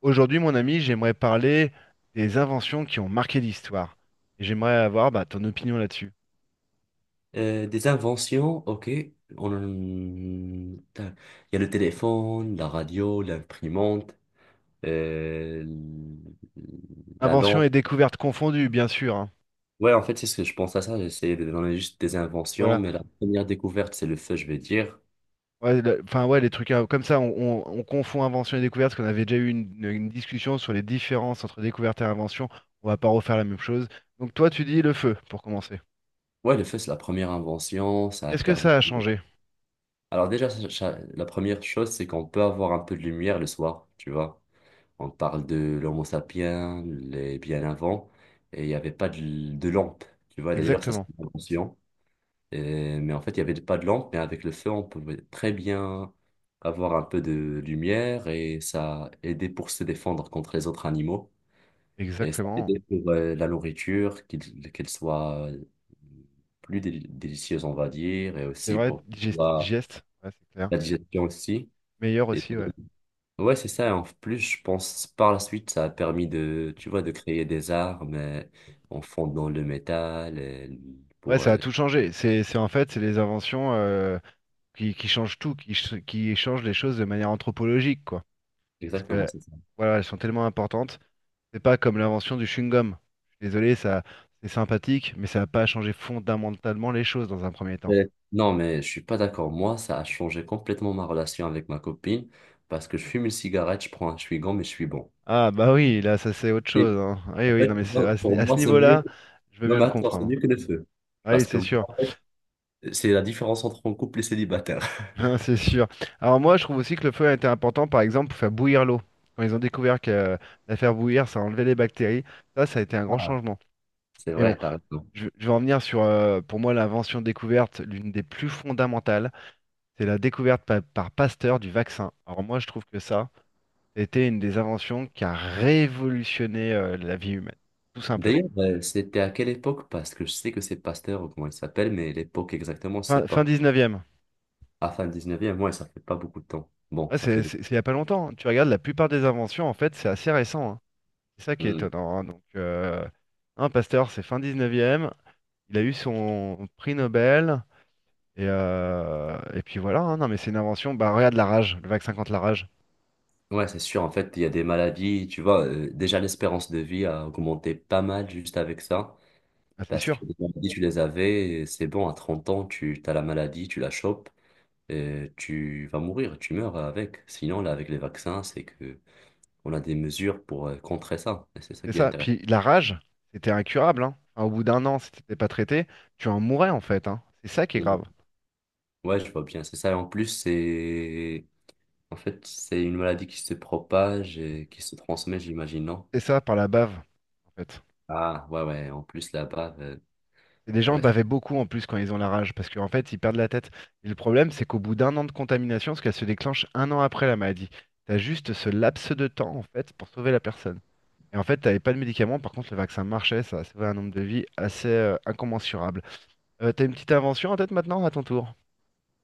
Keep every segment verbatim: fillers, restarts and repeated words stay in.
Aujourd'hui, mon ami, j'aimerais parler des inventions qui ont marqué l'histoire. Et j'aimerais avoir bah, ton opinion là-dessus. Euh, des inventions, ok. On... Putain, il y a le téléphone, la radio, l'imprimante, euh, la Inventions et lampe. découvertes confondues, bien sûr, hein. Ouais, en fait, c'est ce que je pense à ça. J'essayais de donner juste des inventions, Voilà. mais la première découverte, c'est le feu, je vais dire. Ouais, le- enfin, ouais, les trucs euh, comme ça, on, on- on confond invention et découverte, parce qu'on avait déjà eu une, une- une discussion sur les différences entre découverte et invention. On va pas refaire la même chose. Donc, toi, tu dis le feu, pour commencer. Ouais, le feu, c'est la première invention. Ça a Qu'est-ce que permis. ça a changé? Alors, déjà, ça- ça- la première chose, c'est qu'on peut avoir un peu de lumière le soir, tu vois. On parle de l'Homo sapiens, les bien avant, et il n'y avait pas de, de lampe. Tu vois, d'ailleurs, ça, c'est Exactement. une invention. Et- mais en fait, il n'y avait pas de lampe, mais avec le feu, on pouvait très bien avoir un peu de lumière et ça aidait pour se défendre contre les autres animaux. Et ça Exactement. aidait pour euh, la nourriture, qu'il- qu'elle soit euh, plus déli- délicieuse, on va dire, et C'est aussi vrai, pour Digest. la, digeste. Ouais, c'est clair. la digestion aussi. Meilleur Et aussi, ouais. ouais, c'est ça. En plus, je pense par la suite, ça a permis de, tu vois, de créer des armes euh, en fondant le métal euh, Ouais, pour. ça a euh, tout changé. C'est, c'est en fait, c'est les inventions, euh, qui, qui changent tout, qui, ch- qui changent les choses de manière anthropologique, quoi. Parce Exactement, que, c'est ça. voilà, elles sont tellement importantes. C'est pas comme l'invention du chewing-gum. Je suis désolé, ça, c'est sympathique, mais ça n'a pas changé fondamentalement les choses dans un premier temps. Euh, Non, mais je suis pas d'accord. Moi, ça a changé complètement ma relation avec ma copine parce que je fume une cigarette, je prends un chewing-gum et je suis bon. Ah, bah oui, là, ça, c'est autre Et chose, hein. Ah Oui, en oui, non, fait, mais tu c'est- vois, à ce, pour à ce moi, c'est mieux. niveau-là, je veux Non, bien mais le attends, c'est comprendre. mieux que le feu. Ah Oui, Parce que c'est moi, sûr. c'est la différence entre un couple et célibataire. Hein, C'est sûr. Alors moi, je trouve aussi que le feu a été important, par exemple, pour faire bouillir l'eau. Quand ils ont découvert que euh, la faire bouillir, ça enlevait les bactéries, ça, ça a été un grand Ah, changement. c'est Mais bon, vrai, t'as raison. Je, je vais en venir sur, euh, pour moi, l'invention découverte, l'une des plus fondamentales, c'est la découverte pa- par, Pasteur du vaccin. Alors moi, je trouve que ça, c'était une des inventions qui a révolutionné euh, la vie humaine, tout simplement. D'ailleurs, euh, c'était à quelle époque? Parce que je sais que c'est Pasteur ou comment il s'appelle, mais l'époque exactement, je sais Fin, fin pas. dix-neuvième. À fin dix-neuvième, moi, ça fait pas beaucoup de temps. Bon, Ouais, ça c'est fait. c'est- c'est il n'y a pas longtemps, hein. Tu regardes, la plupart des inventions, en fait, c'est assez récent, hein. C'est ça qui est étonnant, hein. Donc, euh, hein, Pasteur, c'est fin dix-neuvième. Il a eu son prix Nobel. Et, euh, et puis voilà, hein. Non, mais c'est une invention. Bah, regarde la rage, le vaccin contre la rage. Ouais, c'est sûr. En fait, il y a des maladies, tu vois. Euh, déjà, l'espérance de vie a augmenté pas mal juste avec ça. Ah, c'est Parce que sûr. les maladies, tu les avais, et c'est bon, à trente ans, tu as la maladie, tu la chopes, et tu vas mourir, tu meurs avec. Sinon, là, avec les vaccins, c'est que on a des mesures pour euh, contrer ça. Et c'est ça C'est qui est ça. intéressant. Puis la rage, c'était incurable, hein. Enfin, au bout d'un an, si t'étais pas traité, tu en mourais en fait, hein. C'est ça qui est Mhm. grave. Ouais, je vois bien. C'est ça. Et en plus, c'est. En fait, c'est une maladie qui se propage et qui se transmet, j'imagine, non? C'est ça par la bave, en fait. Ah, ouais, ouais. En plus, là-bas, euh, Et les gens ouais. bavaient beaucoup en plus quand ils ont la rage, parce qu'en fait, ils perdent la tête. Et le problème, c'est qu'au bout d'un an de contamination, parce qu'elle se déclenche un an après la maladie, t'as juste ce laps de temps, en fait, pour sauver la personne. Et en fait, t'avais pas de médicaments, par contre, le vaccin marchait, ça a sauvé un nombre de vies assez euh, incommensurable. Euh, t'as une petite invention en tête maintenant, à ton tour?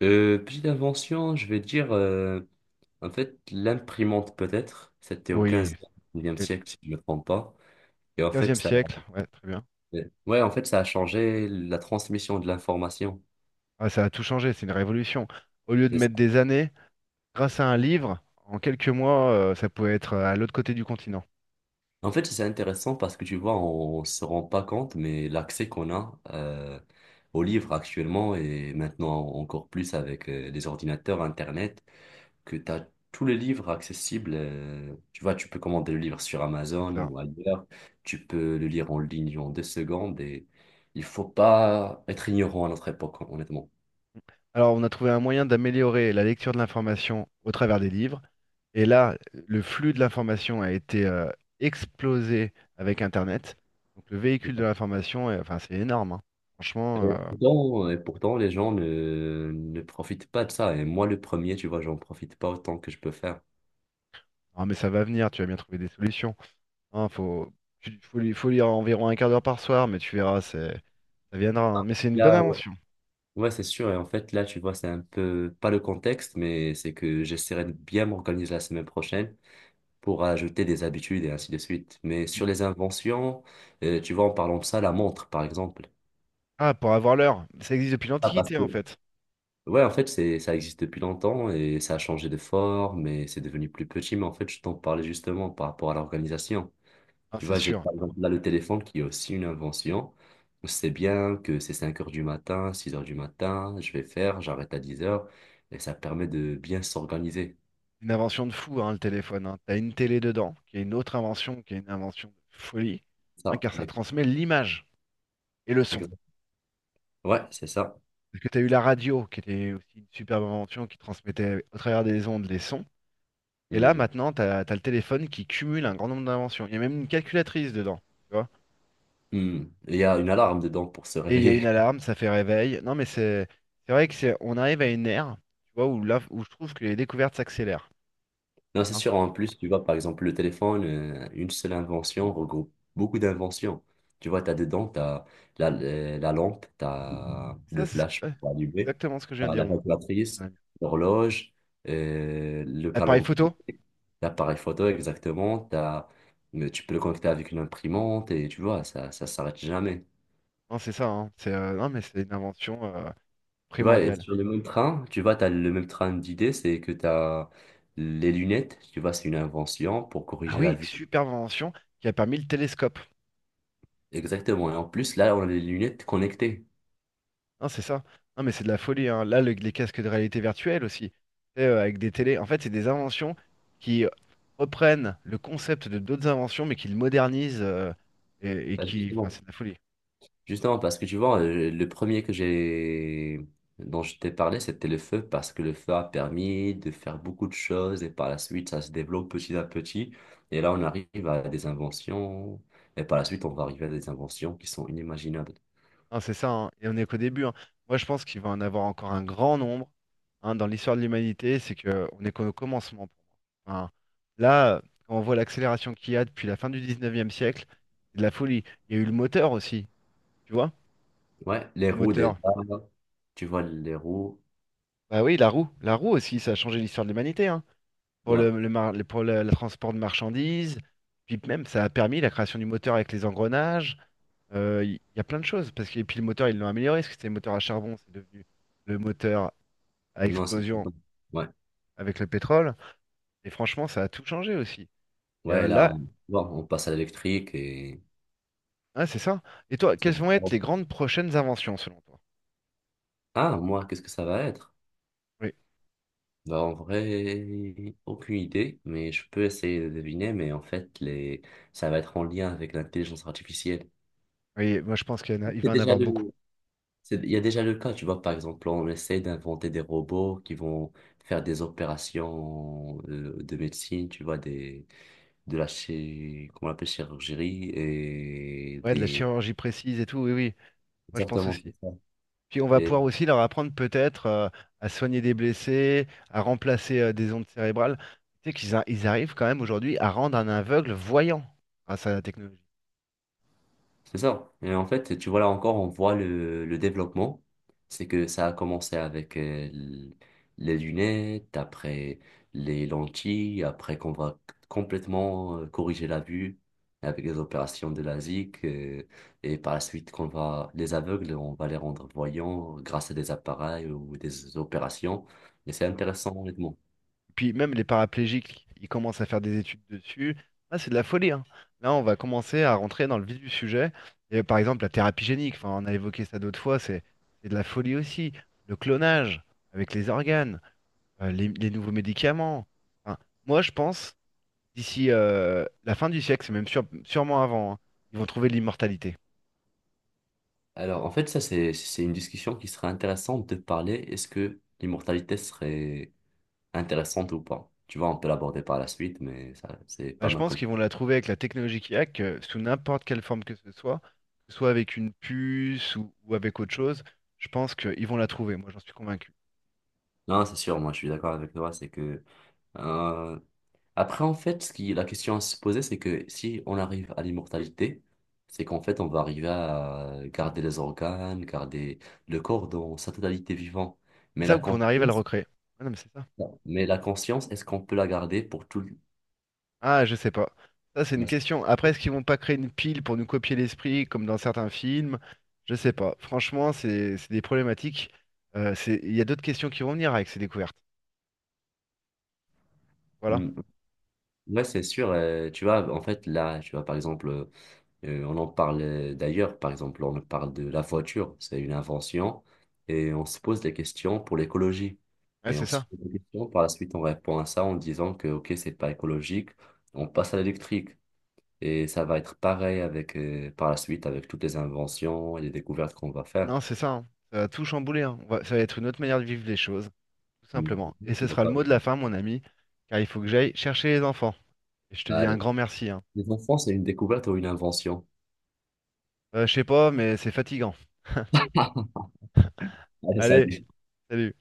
Euh, petite invention, je vais dire, euh, en fait, l'imprimante peut-être, c'était au Oui, quinzième e dix-neuvième oui. siècle, si je ne me trompe pas. Et en fait, quinzième ça, siècle, ouais, très bien. ouais, en fait, ça a changé la transmission de l'information. Ah, ça a tout changé, c'est une révolution. Au lieu de C'est ça. mettre des années, grâce à un livre, en quelques mois, euh, ça pouvait être euh, à l'autre côté du continent. En fait, c'est intéressant parce que tu vois, on ne se rend pas compte, mais l'accès qu'on a euh, aux livres actuellement et maintenant encore plus avec euh, les ordinateurs, Internet, que tu as tous les livres accessibles. Euh, tu vois, tu peux commander le livre sur C'est Amazon ça. ou ailleurs. Tu peux le lire en ligne en deux secondes et il faut pas être ignorant à notre époque, hein, honnêtement. Alors, on a trouvé un moyen d'améliorer la lecture de l'information au travers des livres. Et là, le flux de l'information a été euh, explosé avec Internet. Donc, le véhicule de l'information, est- enfin, c'est énorme, hein. Et Franchement, euh, pourtant, et pourtant, les gens ne, ne profitent pas de ça. Et moi, le premier, tu vois, j'en profite pas autant que je peux faire. ah, mais ça va venir, tu vas bien trouver des solutions. Hein, faut, tu- faut, li- faut lire environ un quart d'heure par soir, mais tu verras, c'est- ça viendra, hein. Ah, Mais c'est une bonne là, ouais, invention. ouais, c'est sûr. Et en fait, là, tu vois, c'est un peu pas le contexte, mais c'est que j'essaierai de bien m'organiser la semaine prochaine pour ajouter des habitudes et ainsi de suite. Mais sur les inventions, euh, tu vois, en parlant de ça, la montre, par exemple. Ah, pour avoir l'heure. Ça existe depuis Ah, parce l'Antiquité, que... en fait. Ouais, en fait, c'est, ça existe depuis longtemps et ça a changé de forme et c'est devenu plus petit. Mais en fait, je t'en parlais justement par rapport à l'organisation. Ah, Tu c'est vois, j'ai sûr. par exemple là le téléphone qui est aussi une invention. Je sais bien que c'est cinq heures du matin, six heures du matin, je vais faire, j'arrête à dix heures et ça permet de bien s'organiser. Une invention de fou, hein, le téléphone, hein. T'as une télé dedans, qui est une autre invention, qui est une invention de folie, hein, Ça, car ça ex- transmet l'image et le son. exa- ouais, c'est ça. Parce que t'as eu la radio, qui était aussi une superbe invention, qui transmettait au travers des ondes les sons. Et là, Hmm. maintenant, t'as, t'as le téléphone qui cumule un grand nombre d'inventions. Il y a même une calculatrice dedans, tu vois. Hmm. Il y a une alarme dedans pour se Et il y a une réveiller. alarme, ça fait réveil. Non, mais c'est c'est vrai que c'est on arrive à une ère, tu vois, où là, où je trouve que les découvertes s'accélèrent, Non, c'est hein. sûr. En plus, tu vois, par exemple, le téléphone, euh, une seule invention regroupe beaucoup d'inventions. Tu vois, tu as dedans, tu as la, euh, la lampe, tu as le Ça, c'est ce flash que- ouais, pour allumer, exactement ce que je viens de t'as dire, la moi. calculatrice, Ouais. l'horloge, euh, le Appareil calendrier, photo? l'appareil photo, exactement. T'as- mais tu peux le connecter avec une imprimante et tu vois, ça ça s'arrête jamais. Non, c'est ça, hein. C'est, euh, non, mais c'est une invention euh, Tu vois, et primordiale. sur le même train, tu vois, tu as le même train d'idées, c'est que tu as les lunettes, tu vois, c'est une invention pour Ah corriger la oui, vue. superbe invention qui a permis le télescope. Exactement. Et en plus, là, on a des lunettes connectées. Non, c'est ça. Non, mais c'est de la folie, hein. Là, le- les casques de réalité virtuelle aussi, Et, euh, avec des télés. En fait, c'est des inventions qui reprennent le concept de d'autres inventions, mais qui le modernisent euh, et, et Bah, qui, enfin, justement. c'est de la folie. Justement, parce que tu vois, euh, le premier que j'ai dont je t'ai parlé, c'était le feu, parce que le feu a permis de faire beaucoup de choses et par la suite, ça se développe petit à petit. Et là, on arrive à des inventions. Et par la suite, on va arriver à des inventions qui sont inimaginables. Non, c'est ça, hein. Et on n'est qu'au début, hein. Moi, je pense qu'il va en avoir encore un grand nombre, hein, dans l'histoire de l'humanité. C'est que on est qu'au commencement pour moi. Enfin, là, quand on voit l'accélération qu'il y a depuis la fin du dix-neuvième siècle, c'est de la folie. Il y a eu le moteur aussi, tu vois? Ouais, les Le roues déjà. moteur. Tu vois, les roues. Bah oui, la roue. La roue aussi, ça a changé l'histoire de l'humanité, hein. Pour Ouais. le, le mar- le- pour le, le transport de marchandises. Puis même, ça a permis la création du moteur avec les engrenages. Euh, Il y a plein de choses. Parce que, et puis le moteur, ils l'ont amélioré. Parce que c'était le moteur à charbon, c'est devenu le moteur à Non, c'est... explosion Ouais. avec le pétrole. Et franchement, ça a tout changé aussi. Et Ouais, euh, là, là, on, bon, on passe à l'électrique et... ah, c'est ça. Et toi, quelles vont être les grandes prochaines inventions selon toi? Ah, moi, qu'est-ce que ça va être? Oui, Bah, en vrai, aucune idée, mais je peux essayer de deviner, mais en fait, les... ça va être en lien avec l'intelligence artificielle. oui, moi je pense qu'il y en a- il C'est va en déjà avoir beaucoup. le... c'est- il y a déjà le cas, tu vois, par exemple, on essaie d'inventer des robots qui vont faire des opérations euh, de médecine, tu vois, des... de la chi- comment on appelle, chirurgie et Ouais, de la des... chirurgie précise et tout, oui, oui, moi je pense Exactement, c'est aussi. ça. Puis on va pouvoir aussi leur apprendre peut-être euh, à soigner des blessés, à remplacer euh, des ondes cérébrales. Tu sais qu'ils a- ils arrivent quand même aujourd'hui à rendre un aveugle voyant grâce à la technologie. C'est ça. Et en fait, tu vois là encore, on voit le, le développement. C'est que ça a commencé avec euh, l- les lunettes, après les lentilles, après qu'on va complètement euh, corriger la vue avec les opérations de LASIK. Euh, et par la suite, qu'on va, les aveugles, on va les rendre voyants grâce à des appareils ou des opérations. Et c'est intéressant, honnêtement. Puis même les paraplégiques, ils commencent à faire des études dessus. Là, c'est de la folie, hein. Là, on va commencer à rentrer dans le vif du sujet. Et par exemple, la thérapie génique, enfin, on a évoqué ça d'autres fois, c'est c'est de la folie aussi. Le clonage avec les organes, euh, les, les nouveaux médicaments. Enfin, moi, je pense, d'ici euh, la fin du siècle, c'est même sûr- sûrement avant, hein, ils vont trouver l'immortalité. Alors, en fait, ça, c'est, c'est une discussion qui serait intéressante de parler. Est-ce que l'immortalité serait intéressante ou pas. Tu vois, on peut l'aborder par la suite, mais ça, c'est Bah, pas je mal pense comme... qu'ils vont la trouver avec la technologie qu'il y a, que sous n'importe quelle forme que ce soit, que ce soit avec une puce ou, ou avec autre chose, je pense qu'ils vont la trouver, moi j'en suis convaincu. Non, c'est sûr, moi, je suis d'accord avec toi, c'est que... euh, Après, en fait, ce qui, la question à se poser, c'est que si on arrive à l'immortalité, c'est qu'en fait, on va arriver à garder les organes, garder le corps dans sa totalité vivant. C'est Mais ça la ou qu'on arrive à le conscience, recréer? Ah non, mais c'est ça. mais la conscience, est-ce qu'on peut la garder pour tout le... Ah, je sais pas. Ça, c'est une question. Après, est-ce qu'ils vont pas créer une pile pour nous copier l'esprit comme dans certains films? Je sais pas. Franchement, c'est c'est des problématiques. Euh, c'est- Il y a d'autres questions qui vont venir avec ces découvertes. Voilà. Hmm, ouais, c'est sûr. Euh, tu vois, en fait, là, tu vois, par exemple, Euh, on en parle euh, d'ailleurs, par exemple, on parle de la voiture, c'est une invention, et on se pose des questions pour l'écologie. Ouais, Et on c'est se ça. pose des questions, par la suite, on répond à ça en disant que, ok, c'est pas écologique, on passe à l'électrique. Et ça va être pareil avec, euh, par la suite avec toutes les inventions et les découvertes qu'on va faire. Non, c'est ça, hein. Ça va tout chambouler, hein. On va- Ça va être une autre manière de vivre les choses. Tout Mhm. simplement. Je Et suis ce sera le d'accord mot avec de toi. la fin, mon ami, car il faut que j'aille chercher les enfants. Et je te dis un Allez. grand merci, hein. Les enfants, c'est une découverte ou une invention? Euh, je sais pas, mais c'est fatigant. Allez, Allez, salut. salut.